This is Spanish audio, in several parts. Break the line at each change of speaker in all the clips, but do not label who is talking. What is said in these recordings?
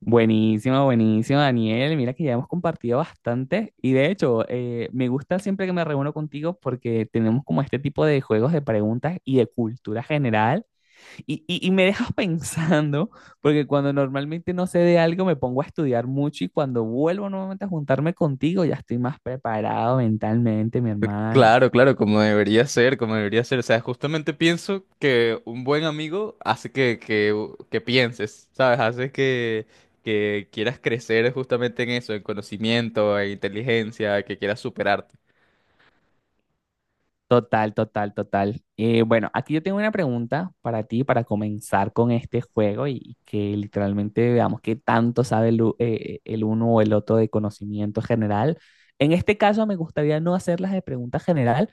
Buenísimo, buenísimo, Daniel. Mira que ya hemos compartido bastante y de hecho me gusta siempre que me reúno contigo porque tenemos como este tipo de juegos de preguntas y de cultura general y me dejas pensando porque cuando normalmente no sé de algo me pongo a estudiar mucho y cuando vuelvo nuevamente a juntarme contigo ya estoy más preparado mentalmente, mi hermano.
Claro, claro, como debería ser, como debería ser. O sea, justamente pienso que un buen amigo hace que pienses, ¿sabes? Hace que quieras crecer justamente en eso, en conocimiento, en inteligencia, que quieras superarte.
Total, total, total. Bueno, aquí yo tengo una pregunta para ti para comenzar con este juego y que literalmente veamos qué tanto sabe el uno o el otro de conocimiento general. En este caso me gustaría no hacerlas de pregunta general,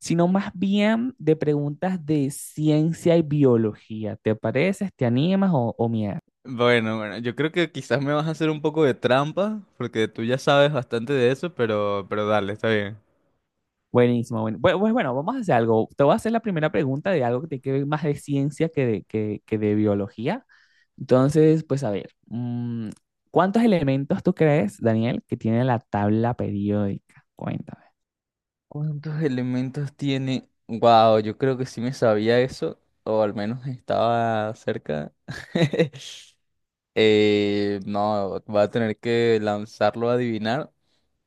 sino más bien de preguntas de ciencia y biología. ¿Te pareces? ¿Te animas o mierda?
Bueno, bueno, yo creo que quizás me vas a hacer un poco de trampa, porque tú ya sabes bastante de eso, pero dale, está bien.
Buenísimo. Bueno, pues bueno, vamos a hacer algo. Te voy a hacer la primera pregunta de algo que tiene que ver más de ciencia que de, que de biología. Entonces, pues a ver, ¿cuántos elementos tú crees, Daniel, que tiene la tabla periódica? Cuéntame.
¿Cuántos elementos tiene? Wow, yo creo que sí me sabía eso, o al menos estaba cerca. No, va a tener que lanzarlo a adivinar.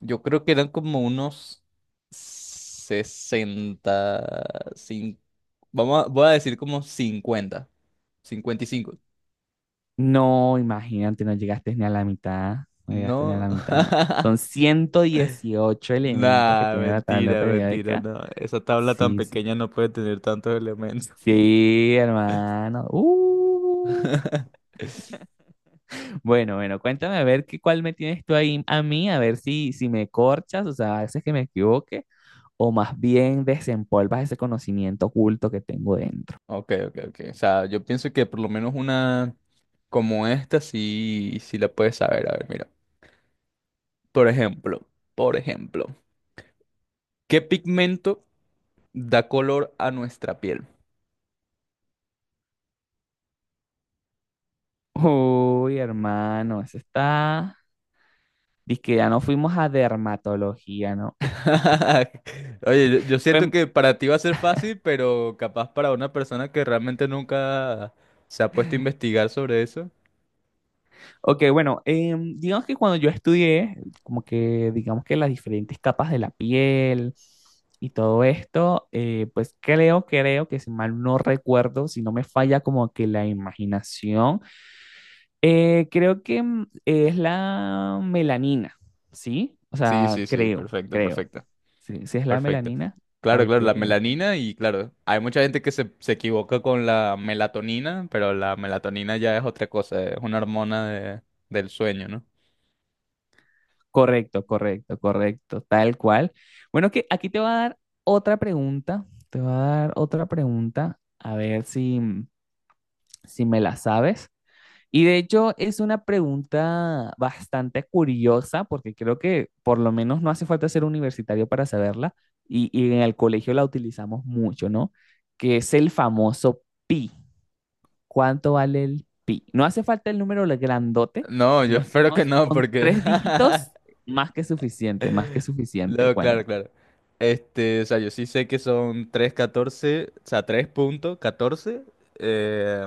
Yo creo que eran como unos 60 cin- voy a decir como 55.
No, imagínate, no llegaste ni a la mitad, no llegaste ni a
No,
la mitad. Son 118 elementos que
nah,
tiene la tabla
mentira, mentira,
periódica.
no. Esa tabla tan
Sí, sí,
pequeña no puede tener tantos elementos.
sí, hermano. Bueno, bueno, cuéntame a ver qué, cuál me tienes tú ahí a mí, a ver si, si me corchas, o sea, a veces que me equivoque, o más bien desempolvas ese conocimiento oculto que tengo dentro.
Ok, ok, ok. O sea, yo pienso que por lo menos una como esta sí, sí la puedes saber. A ver, mira. Por ejemplo, por ejemplo, ¿qué pigmento da color a nuestra piel?
Uy, hermano, eso está. Dice que ya no fuimos a dermatología, ¿no?
Oye, yo, siento
Bueno,
que para ti va a ser fácil, pero capaz para una persona que realmente nunca se ha puesto a investigar sobre eso.
ok, bueno, digamos que cuando yo estudié, como que digamos que las diferentes capas de la piel y todo esto, pues creo, creo que si mal no recuerdo, si no me falla como que la imaginación, creo que es la melanina, ¿sí? O
Sí,
sea,
sí, sí,
creo,
perfecto,
creo.
perfecto,
Sí, sí es la
perfecto.
melanina.
Claro,
Ok,
claro, la melanina. Y claro, hay mucha gente que se equivoca con la melatonina, pero la melatonina ya es otra cosa, es una hormona del sueño, ¿no?
correcto, correcto, correcto, tal cual. Bueno, que aquí te va a dar otra pregunta, te va a dar otra pregunta, a ver si, si me la sabes. Y de hecho es una pregunta bastante curiosa, porque creo que por lo menos no hace falta ser universitario para saberla, y en el colegio la utilizamos mucho, ¿no? Que es el famoso pi. ¿Cuánto vale el pi? No hace falta el número grandote,
No,
por
yo
lo
espero que
menos
no,
con
porque
tres dígitos, más que suficiente, más que suficiente.
no,
Bueno,
claro, claro. O sea, yo sí sé que son 3,14, o sea, 3,14, eh,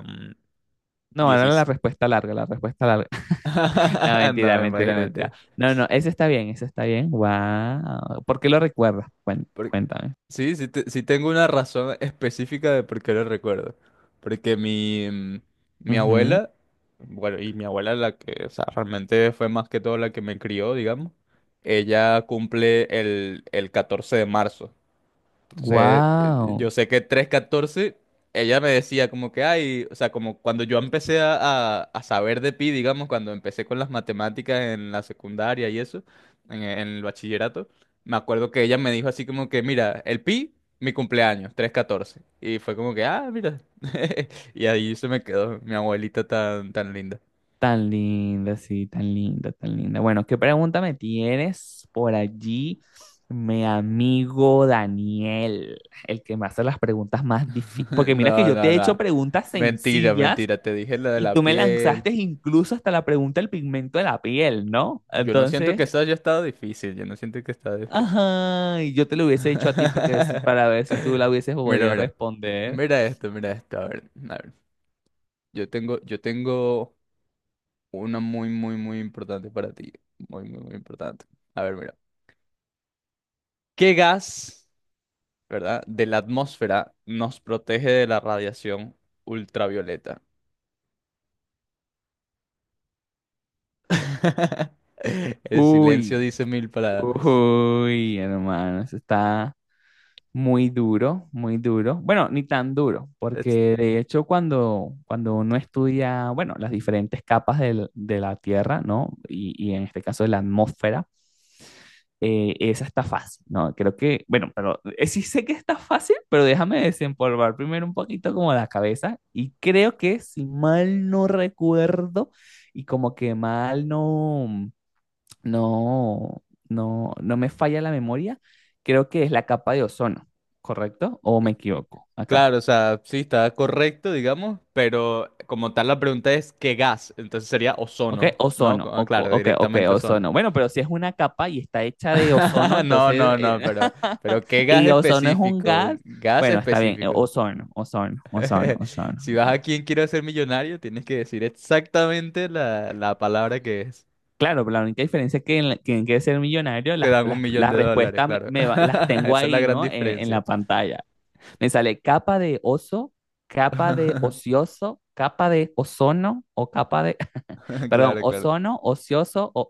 no, ahora la
16.
respuesta larga, la respuesta larga. No,
No,
mentira, mentira, mentira.
imagínate.
No, no, ese está bien, ese está bien. Wow. ¿Por qué lo recuerdas?
Por-
Cuéntame.
sí tengo una razón específica de por qué lo recuerdo. Porque mi abuela, bueno, y mi abuela la que, o sea, realmente fue más que todo la que me crió, digamos. Ella cumple el 14 de marzo. Entonces,
Wow.
yo sé que 3,14 ella me decía como que, ay, o sea, como cuando yo empecé a saber de pi, digamos, cuando empecé con las matemáticas en la secundaria y eso, en el bachillerato, me acuerdo que ella me dijo así como que, mira, el pi, mi cumpleaños, 3,14. Y fue como que, ah, mira. Y ahí se me quedó mi abuelita tan, tan linda.
Tan linda, sí, tan linda, tan linda. Bueno, ¿qué pregunta me tienes por allí, mi amigo Daniel? El que me hace las preguntas más difíciles. Porque mira que
No,
yo te
no,
he hecho
no.
preguntas
Mentira,
sencillas
mentira. Te dije lo de
y tú
la
me
piel.
lanzaste incluso hasta la pregunta del pigmento de la piel, ¿no?
Yo no siento
Entonces,
que eso haya estado difícil. Yo no siento que estaba difícil.
ajá, y yo te lo hubiese hecho a ti para que, para ver si tú la hubieses
Mira,
podido
mira.
responder.
Mira esto, mira esto. A ver, a ver. Yo tengo una muy, muy, muy importante para ti. Muy, muy, muy importante. A ver, mira. ¿Qué gas, verdad, de la atmósfera nos protege de la radiación ultravioleta? El silencio
Uy,
dice mil palabras.
uy, hermano, eso está. Muy duro, muy duro. Bueno, ni tan duro, porque de hecho cuando, cuando uno estudia, bueno, las diferentes capas de la Tierra, ¿no? Y en este caso de la atmósfera, esa está fácil, ¿no? Creo que, bueno, pero sí sé que está fácil, pero déjame desempolvar primero un poquito como la cabeza y creo que si mal no recuerdo y como que mal no no, no, no me falla la memoria, creo que es la capa de ozono, ¿correcto? ¿O me equivoco acá?
Claro, o sea, sí, está correcto, digamos, pero como tal la pregunta es ¿qué gas? Entonces sería
¿Ok?
ozono, ¿no?
Ozono,
Ah,
ok,
claro,
ok, ok,
directamente ozono.
ozono. Bueno, pero si es una capa y está hecha de ozono,
No,
entonces,
no, no, pero ¿qué gas
y ozono es un
específico?
gas,
Gas
bueno, está bien,
específico.
ozono, ozono, ozono, ozono,
Si vas a
ya.
quien quiero ser millonario, tienes que decir exactamente la palabra que es.
Claro, pero la única diferencia es que en, que en Quiere ser millonario,
Te dan un millón
las
de dólares,
respuestas me,
claro.
las
Esa
tengo
es la
ahí,
gran
¿no? En la
diferencia.
pantalla. Me sale capa de oso, capa de ocioso, capa de ozono o capa de, perdón,
Claro, claro.
ozono, ocioso.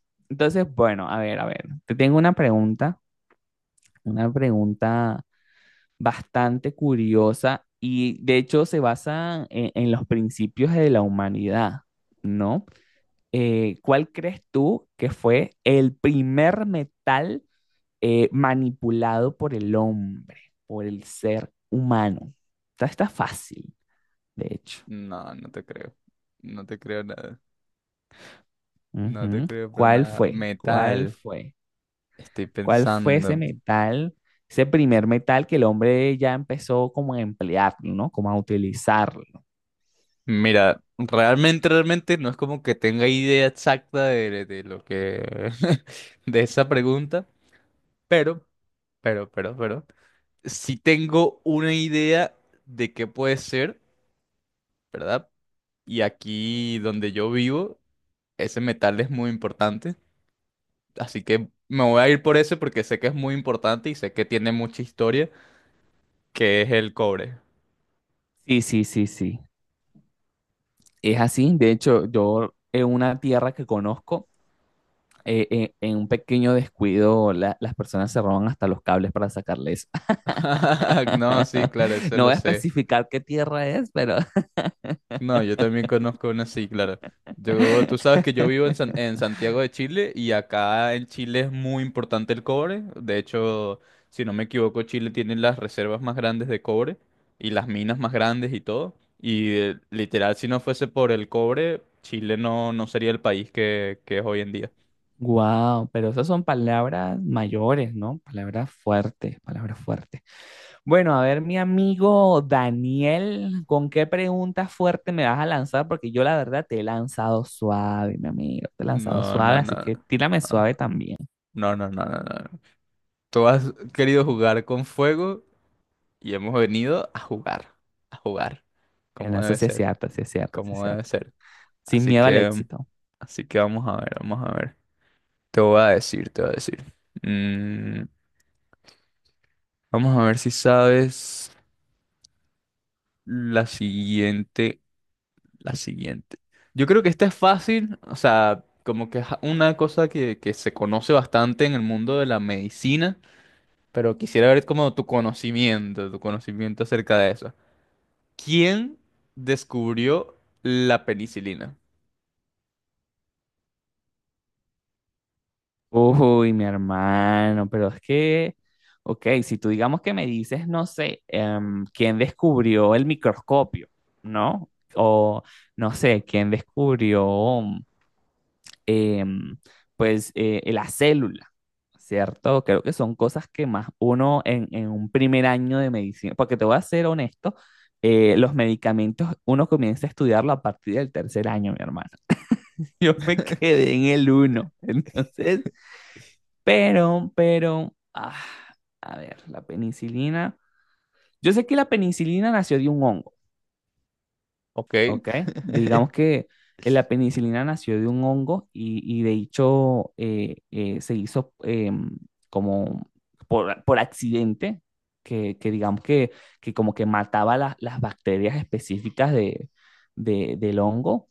Entonces, bueno, a ver, te tengo una pregunta bastante curiosa y de hecho se basa en los principios de la humanidad, ¿no? ¿Cuál crees tú que fue el primer metal manipulado por el hombre, por el ser humano? Esta está fácil. De hecho.
No, no te creo. No te creo nada. No te
Ujú.
creo para
¿Cuál
nada.
fue? ¿Cuál
Metal.
fue?
Estoy
¿Cuál fue ese
pensando.
metal, ese primer metal que el hombre ya empezó como a emplearlo, ¿no? Como a utilizarlo.
Mira, realmente, realmente no es como que tenga idea exacta de lo que de esa pregunta, pero, pero sí tengo una idea de qué puede ser, ¿verdad? Y aquí donde yo vivo, ese metal es muy importante. Así que me voy a ir por ese porque sé que es muy importante y sé que tiene mucha historia, que es el cobre.
Sí, sí, sí, sí. Es así. De hecho, yo en una tierra que conozco, en un pequeño descuido, las personas se roban hasta los cables para sacarles.
No, sí, claro, eso
No
lo
voy a
sé.
especificar qué tierra es, pero...
No, yo también conozco una así, claro. Yo, tú sabes que yo vivo en Santiago de Chile, y acá en Chile es muy importante el cobre. De hecho, si no me equivoco, Chile tiene las reservas más grandes de cobre y las minas más grandes y todo. Y literal, si no fuese por el cobre, Chile no, no sería el país que es hoy en día.
Wow, pero esas son palabras mayores, ¿no? Palabras fuertes, palabras fuertes. Bueno, a ver, mi amigo Daniel, ¿con qué pregunta fuerte me vas a lanzar? Porque yo la verdad te he lanzado suave, mi amigo, te he lanzado
No,
suave,
no,
así
no.
que tírame suave
Ah,
también.
no, no, no, no, no. Tú has querido jugar con fuego y hemos venido a jugar,
En
como
eso
debe
sí es
ser.
cierto, sí es cierto, sí es
Como debe
cierto.
ser.
Sin
Así
miedo al
que,
éxito.
así que vamos a ver, vamos a ver. Te voy a decir, te voy a decir. Mm, vamos a ver si sabes la siguiente, la siguiente. Yo creo que esta es fácil, o sea, como que es una cosa que se conoce bastante en el mundo de la medicina, pero quisiera ver como tu conocimiento acerca de eso. ¿Quién descubrió la penicilina?
Uy, mi hermano, pero es que, ok, si tú digamos que me dices, no sé, ¿quién descubrió el microscopio? ¿No? O no sé, ¿quién descubrió em, pues la célula, ¿cierto? Creo que son cosas que más uno en un primer año de medicina, porque te voy a ser honesto, los medicamentos uno comienza a estudiarlo a partir del tercer año, mi hermano. Yo me quedé en el uno, entonces, pero, ah, a ver, la penicilina. Yo sé que la penicilina nació de un hongo.
¿Ok?
Ok, digamos que la penicilina nació de un hongo y de hecho se hizo como por accidente, que digamos que como que mataba las bacterias específicas de, del hongo,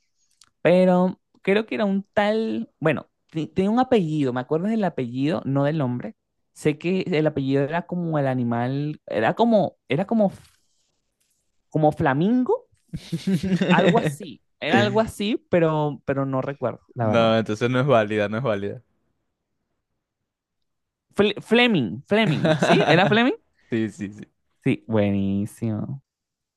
pero creo que era un tal, bueno, tenía un apellido, me acuerdo del apellido, no del nombre. Sé que el apellido era como el animal, era como como Flamingo, algo así, era algo así, pero no recuerdo, la verdad.
No, entonces no es válida, no es válida.
Fleming, Fleming, ¿sí? ¿Era Fleming?
Sí, sí, sí.
Sí, buenísimo.